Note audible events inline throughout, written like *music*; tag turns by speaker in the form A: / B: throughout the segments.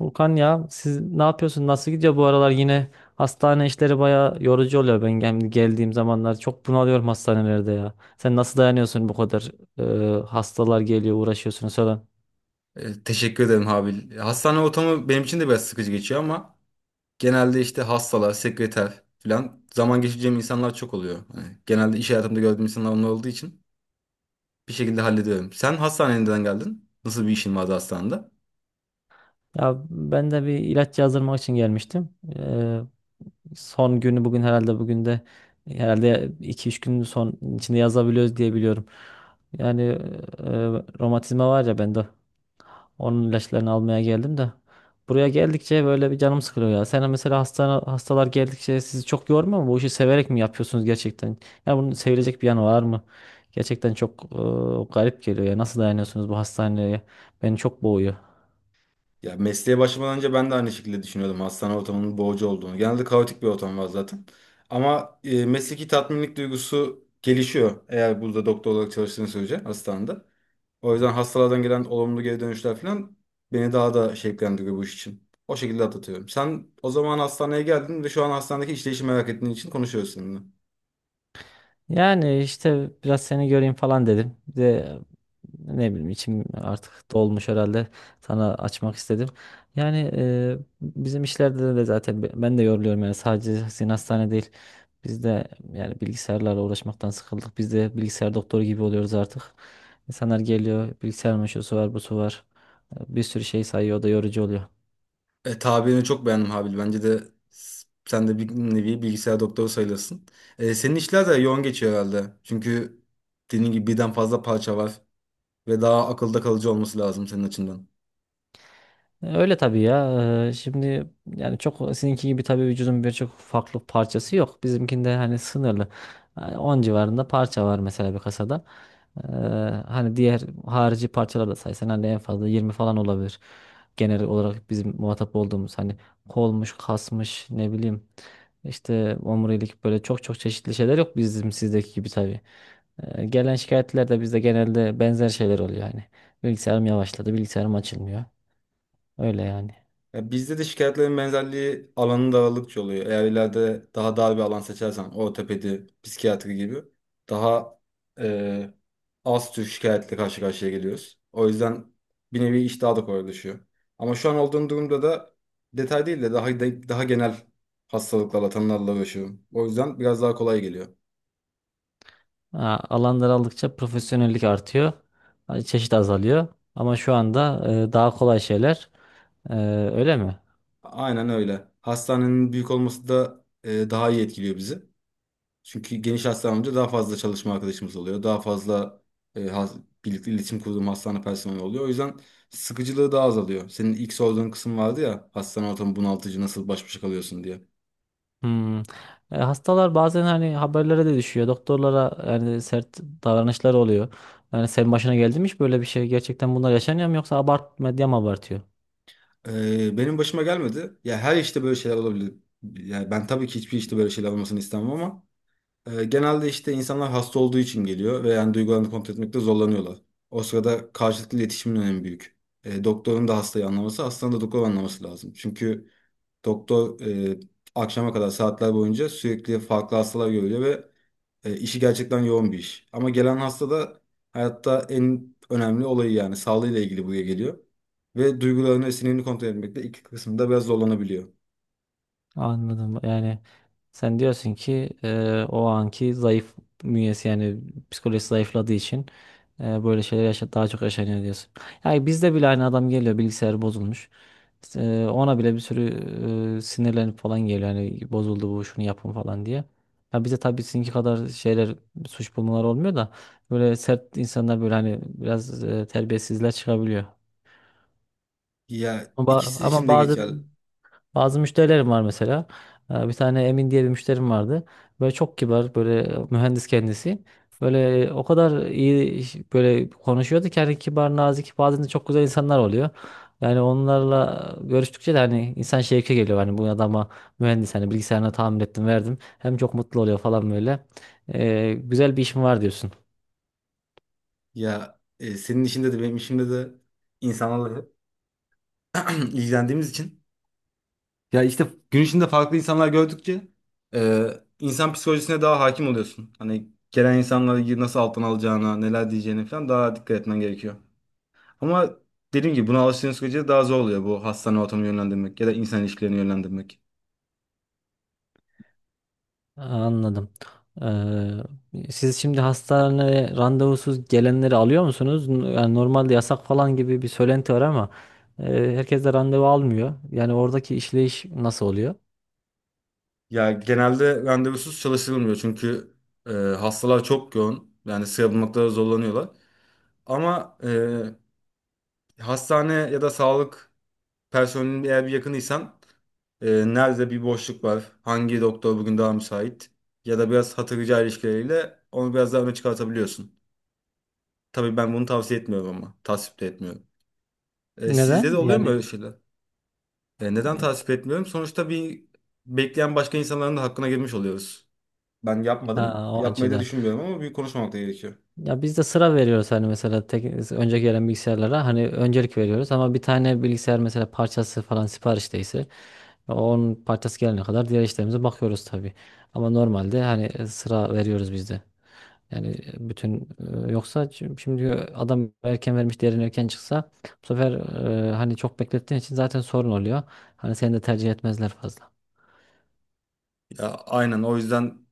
A: Volkan, ya siz ne yapıyorsun? Nasıl gidiyor bu aralar? Yine hastane işleri baya yorucu oluyor. Ben geldiğim zamanlar çok bunalıyorum hastanelerde ya. Sen nasıl dayanıyorsun bu kadar, hastalar geliyor, uğraşıyorsunuz falan.
B: Teşekkür ederim Habil. Hastane ortamı benim için de biraz sıkıcı geçiyor ama genelde işte hastalar, sekreter falan zaman geçireceğim insanlar çok oluyor. Hani genelde iş hayatımda gördüğüm insanlar onlar olduğu için bir şekilde hallediyorum. Sen hastaneye neden geldin? Nasıl bir işin vardı hastanede?
A: Ya ben de bir ilaç yazdırmak için gelmiştim. E, son günü bugün herhalde, bugün de herhalde 2-3 gün son içinde yazabiliyoruz diye biliyorum. Yani romatizma var ya bende. Onun ilaçlarını almaya geldim de. Buraya geldikçe böyle bir canım sıkılıyor ya. Sen mesela hastane, hastalar geldikçe sizi çok yormuyor mu? Bu işi severek mi yapıyorsunuz gerçekten? Ya bunun sevilecek bir yanı var mı? Gerçekten çok garip geliyor ya. Nasıl dayanıyorsunuz bu hastaneye? Beni çok boğuyor.
B: Ya mesleğe başlamadan önce ben de aynı şekilde düşünüyordum hastane ortamının boğucu olduğunu. Genelde kaotik bir ortam var zaten. Ama mesleki tatminlik duygusu gelişiyor eğer burada doktor olarak çalıştığın sürece hastanede. O yüzden hastalardan gelen olumlu geri dönüşler falan beni daha da şevklendiriyor bu iş için. O şekilde atlatıyorum. Sen o zaman hastaneye geldin ve şu an hastanedeki işleyişi merak ettiğin için konuşuyoruz seninle.
A: Yani işte biraz seni göreyim falan dedim. Bir de, ne bileyim, içim artık dolmuş herhalde, sana açmak istedim. Yani bizim işlerde de zaten ben de yoruluyorum, yani sadece sizin hastane değil. Biz de yani bilgisayarlarla uğraşmaktan sıkıldık. Biz de bilgisayar doktoru gibi oluyoruz artık. İnsanlar geliyor, bilgisayar meşrusu var, busu var. Bir sürü şey sayıyor, o da yorucu oluyor.
B: Tabirini çok beğendim Habil. Bence de sen de bir nevi bilgisayar doktoru sayılırsın. Senin işler de yoğun geçiyor herhalde. Çünkü dediğin gibi birden fazla parça var ve daha akılda kalıcı olması lazım senin açından.
A: Öyle tabii ya. Şimdi, yani çok sizinki gibi tabii vücudun birçok farklı parçası yok. Bizimkinde hani sınırlı. Yani 10 civarında parça var mesela bir kasada. Ee, hani diğer harici parçalar da saysan hani en fazla 20 falan olabilir. Genel olarak bizim muhatap olduğumuz hani kolmuş, kasmış, ne bileyim işte omurilik, böyle çok çok çeşitli şeyler yok bizim sizdeki gibi tabii. Gelen şikayetler de bizde genelde benzer şeyler oluyor yani. Bilgisayarım yavaşladı, bilgisayarım açılmıyor. Öyle yani.
B: Ya bizde de şikayetlerin benzerliği alanı daralıkça oluyor. Eğer ileride daha dar bir alan seçersen ortopedi, psikiyatri gibi daha e, az tür şikayetle karşı karşıya geliyoruz. O yüzden bir nevi iş daha da kolaylaşıyor. Ama şu an olduğum durumda da detay değil de daha genel hastalıklarla, tanılarla uğraşıyorum. O yüzden biraz daha kolay geliyor.
A: Ha, alan daraldıkça profesyonellik artıyor. Ha, çeşit azalıyor. Ama şu anda daha kolay şeyler. E, öyle mi?
B: Aynen öyle. Hastanenin büyük olması da daha iyi etkiliyor bizi. Çünkü geniş hastanemde daha fazla çalışma arkadaşımız oluyor. Daha fazla e, has- birlikte iletişim kurduğum hastane personeli oluyor. O yüzden sıkıcılığı daha azalıyor. Senin ilk sorduğun kısım vardı ya hastane ortamı bunaltıcı nasıl baş başa kalıyorsun diye.
A: Hmm. Hastalar bazen hani haberlere de düşüyor. Doktorlara yani sert davranışlar oluyor. Yani senin başına geldi mi hiç böyle bir şey? Gerçekten bunlar yaşanıyor mu, yoksa abart medya mı abartıyor?
B: Benim başıma gelmedi. Ya her işte böyle şeyler olabilir. Yani ben tabii ki hiçbir işte böyle şeyler olmasını istemem ama genelde işte insanlar hasta olduğu için geliyor ve yani duygularını kontrol etmekte zorlanıyorlar. O sırada karşılıklı iletişimin önemi büyük. Doktorun da hastayı anlaması, hastanın da doktoru anlaması lazım. Çünkü doktor e, akşama kadar saatler boyunca sürekli farklı hastalar görüyor ve işi gerçekten yoğun bir iş. Ama gelen hasta da hayatta en önemli olayı yani sağlığıyla ilgili buraya geliyor. Ve duygularını ve sinirini kontrol etmekte iki kısımda biraz zorlanabiliyor.
A: Anladım. Yani sen diyorsun ki o anki zayıf bünyesi, yani psikolojisi zayıfladığı için böyle şeyler yaşa daha çok yaşanıyor diyorsun. Yani bizde bile aynı adam geliyor, bilgisayar bozulmuş. İşte, ona bile bir sürü sinirlenip falan geliyor. Yani bozuldu bu, şunu yapın falan diye. Ya bize tabii sizinki kadar şeyler, suç bulmalar olmuyor da, böyle sert insanlar, böyle hani biraz terbiyesizler çıkabiliyor.
B: Ya
A: Ama, ba-
B: ikisi için
A: ama
B: de
A: bazen
B: geçer.
A: bazı müşterilerim var mesela. Bir tane Emin diye bir müşterim vardı. Böyle çok kibar, böyle mühendis kendisi. Böyle o kadar iyi böyle konuşuyordu ki, hani kibar, nazik, bazen de çok güzel insanlar oluyor. Yani onlarla görüştükçe de hani insan şevke geliyor. Hani bu adama mühendis, hani bilgisayarına tamir ettim, verdim. Hem çok mutlu oluyor falan böyle. Güzel bir işim var diyorsun.
B: Ya senin işinde de benim işimde de insanlarla *clears throat* ilgilendiğimiz için. Ya işte gün içinde farklı insanlar gördükçe e, insan psikolojisine daha hakim oluyorsun. Hani gelen insanları nasıl alttan alacağına, neler diyeceğine falan daha dikkat etmen gerekiyor. Ama dediğim gibi buna alıştığın sürece daha zor oluyor bu hastane ortamını yönlendirmek ya da insan ilişkilerini yönlendirmek.
A: Anladım. Siz şimdi hastaneye randevusuz gelenleri alıyor musunuz? Yani normalde yasak falan gibi bir söylenti var, ama e, herkes de randevu almıyor. Yani oradaki işleyiş nasıl oluyor?
B: Ya genelde randevusuz çalışılmıyor çünkü hastalar çok yoğun. Yani sıra bulmakta zorlanıyorlar. Ama hastane ya da sağlık personelin eğer bir yakınıysan, e, nerede bir boşluk var, hangi doktor bugün daha müsait ya da biraz hatır rica ilişkileriyle onu biraz daha öne çıkartabiliyorsun. Tabii ben bunu tavsiye etmiyorum ama tasvip de etmiyorum. Sizde de
A: Neden?
B: oluyor mu
A: Yani
B: böyle şeyler? Neden
A: e,
B: tasvip etmiyorum? Sonuçta bir bekleyen başka insanların da hakkına girmiş oluyoruz. Ben yapmadım.
A: ha, o
B: Yapmayı da
A: açıdan.
B: düşünmüyorum ama bir konuşmamak da gerekiyor.
A: Ya biz de sıra veriyoruz, hani mesela tek, önce gelen bilgisayarlara hani öncelik veriyoruz, ama bir tane bilgisayar mesela parçası falan siparişteyse onun parçası gelene kadar diğer işlerimize bakıyoruz tabii. Ama normalde hani sıra veriyoruz biz de. Yani bütün yoksa şimdi adam erken vermiş değerini, erken çıksa bu sefer hani çok beklettiğin için zaten sorun oluyor. Hani seni de tercih etmezler fazla.
B: Ya aynen o yüzden.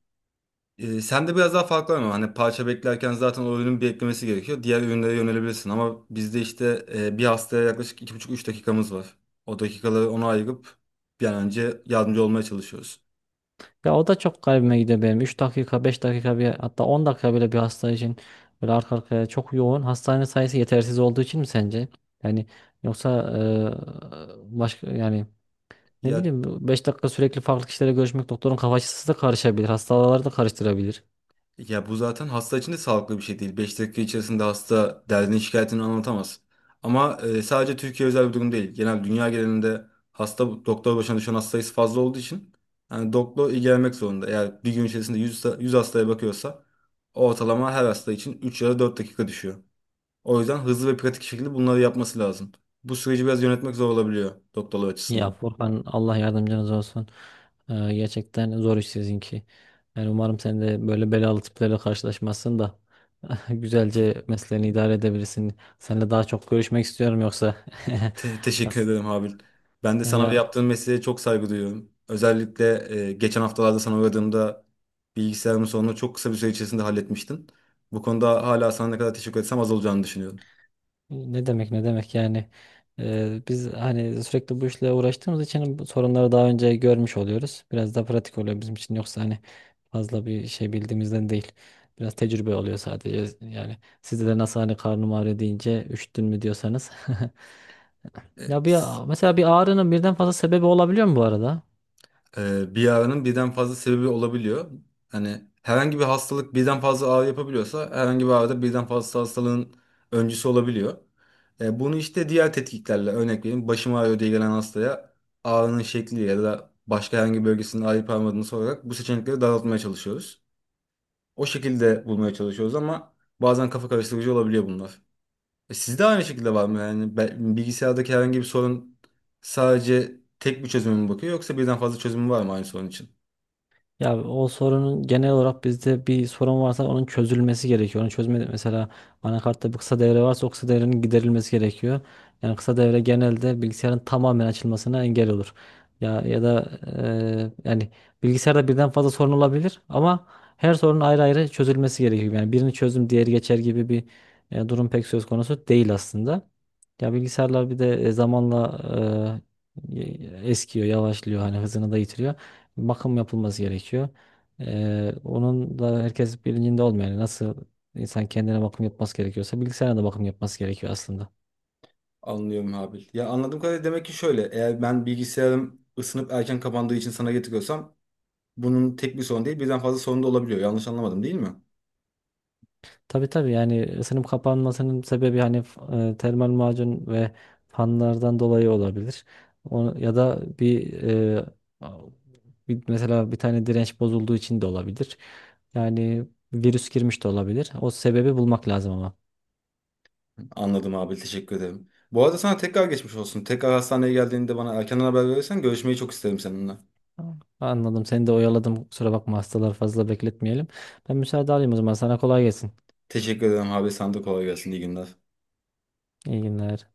B: Sen de biraz daha farklı ama hani parça beklerken zaten o ürünün bir eklemesi gerekiyor. Diğer ürünlere yönelebilirsin ama bizde işte bir hastaya yaklaşık 2,5-3 dakikamız var. O dakikaları ona ayırıp bir an önce yardımcı olmaya çalışıyoruz.
A: Ya o da çok garibime gidiyor benim. 3 dakika, 5 dakika, bir hatta 10 dakika bile bir hasta için böyle arka arkaya çok yoğun. Hastane sayısı yetersiz olduğu için mi sence? Yani yoksa başka, yani ne
B: Ya
A: bileyim, 5 dakika sürekli farklı kişilerle görüşmek, doktorun kafa açısı da karışabilir. Hastaları da karıştırabilir.
B: Ya bu zaten hasta için de sağlıklı bir şey değil. 5 dakika içerisinde hasta derdini şikayetini anlatamaz. Ama sadece Türkiye özel bir durum değil. Genel dünya genelinde hasta doktor başına düşen hasta sayısı fazla olduğu için yani doktor ilgilenmek zorunda. Eğer bir gün içerisinde 100 hastaya bakıyorsa ortalama her hasta için 3 ya da 4 dakika düşüyor. O yüzden hızlı ve pratik şekilde bunları yapması lazım. Bu süreci biraz yönetmek zor olabiliyor doktorlar
A: Ya
B: açısından.
A: Furkan, Allah yardımcınız olsun. Gerçekten zor iş sizinki. Yani umarım sen de böyle belalı tiplerle karşılaşmazsın da *laughs* güzelce mesleğini idare edebilirsin. Seninle daha çok görüşmek istiyorum yoksa.
B: Te-
A: *laughs*
B: teşekkür
A: Has-
B: ederim Habil. Ben de sana ve
A: Ya,
B: yaptığın mesleğe çok saygı duyuyorum. Özellikle geçen haftalarda sana uğradığımda bilgisayarımın sorununu çok kısa bir süre içerisinde halletmiştin. Bu konuda hala sana ne kadar teşekkür etsem az olacağını düşünüyorum.
A: ne demek ne demek yani. Biz hani sürekli bu işle uğraştığımız için bu sorunları daha önce görmüş oluyoruz. Biraz daha pratik oluyor bizim için, yoksa hani fazla bir şey bildiğimizden değil. Biraz tecrübe oluyor sadece, yani sizde de nasıl hani karnım ağrıyor deyince üşüttün mü diyorsanız. *laughs*
B: E,
A: Ya bir, mesela bir ağrının birden fazla sebebi olabiliyor mu bu arada?
B: Bir ağrının birden fazla sebebi olabiliyor. Hani herhangi bir hastalık birden fazla ağrı yapabiliyorsa herhangi bir ağrıda birden fazla hastalığın öncüsü olabiliyor. Bunu işte diğer tetkiklerle örnek vereyim. Başım ağrıyor diye gelen hastaya ağrının şekli ya da başka herhangi bir bölgesinin ağrıyıp ağrımadığını sorarak bu seçenekleri daraltmaya çalışıyoruz. O şekilde bulmaya çalışıyoruz ama bazen kafa karıştırıcı olabiliyor bunlar. Sizde aynı şekilde var mı? Yani bilgisayardaki herhangi bir sorun sadece tek bir çözüme mi bakıyor yoksa birden fazla çözümü var mı aynı sorun için?
A: Ya o sorunun, genel olarak bizde bir sorun varsa onun çözülmesi gerekiyor. Onu çözme mesela anakartta bir kısa devre varsa o kısa devrenin giderilmesi gerekiyor. Yani kısa devre genelde bilgisayarın tamamen açılmasına engel olur. Ya ya da yani bilgisayarda birden fazla sorun olabilir, ama her sorunun ayrı ayrı çözülmesi gerekiyor. Yani birini çözdüm diğeri geçer gibi bir durum pek söz konusu değil aslında. Ya bilgisayarlar bir de zamanla eskiyor, yavaşlıyor, hani hızını da yitiriyor, bakım yapılması gerekiyor. Onun da herkes bilincinde olmuyor. Yani nasıl insan kendine bakım yapması gerekiyorsa bilgisayara da bakım yapması gerekiyor aslında.
B: Anlıyorum Habil. Ya anladığım kadarıyla demek ki şöyle. Eğer ben bilgisayarım ısınıp erken kapandığı için sana getiriyorsam bunun tek bir sorun değil birden fazla sorun da olabiliyor. Yanlış anlamadım değil mi?
A: Tabii tabii, yani ısınım kapanmasının sebebi hani termal macun ve fanlardan dolayı olabilir. O, ya da bir, e, a- bir- mesela bir tane direnç bozulduğu için de olabilir. Yani virüs girmiş de olabilir. O sebebi bulmak lazım ama.
B: Anladım Habil. Teşekkür ederim. Bu arada sana tekrar geçmiş olsun. Tekrar hastaneye geldiğinde bana erkenden haber verirsen görüşmeyi çok isterim seninle.
A: Anladım. Seni de oyaladım, kusura bakma. Hastaları fazla bekletmeyelim. Ben müsaade alayım o zaman. Sana kolay gelsin.
B: Teşekkür ederim Habil. Sana da kolay gelsin. İyi günler.
A: İyi günler.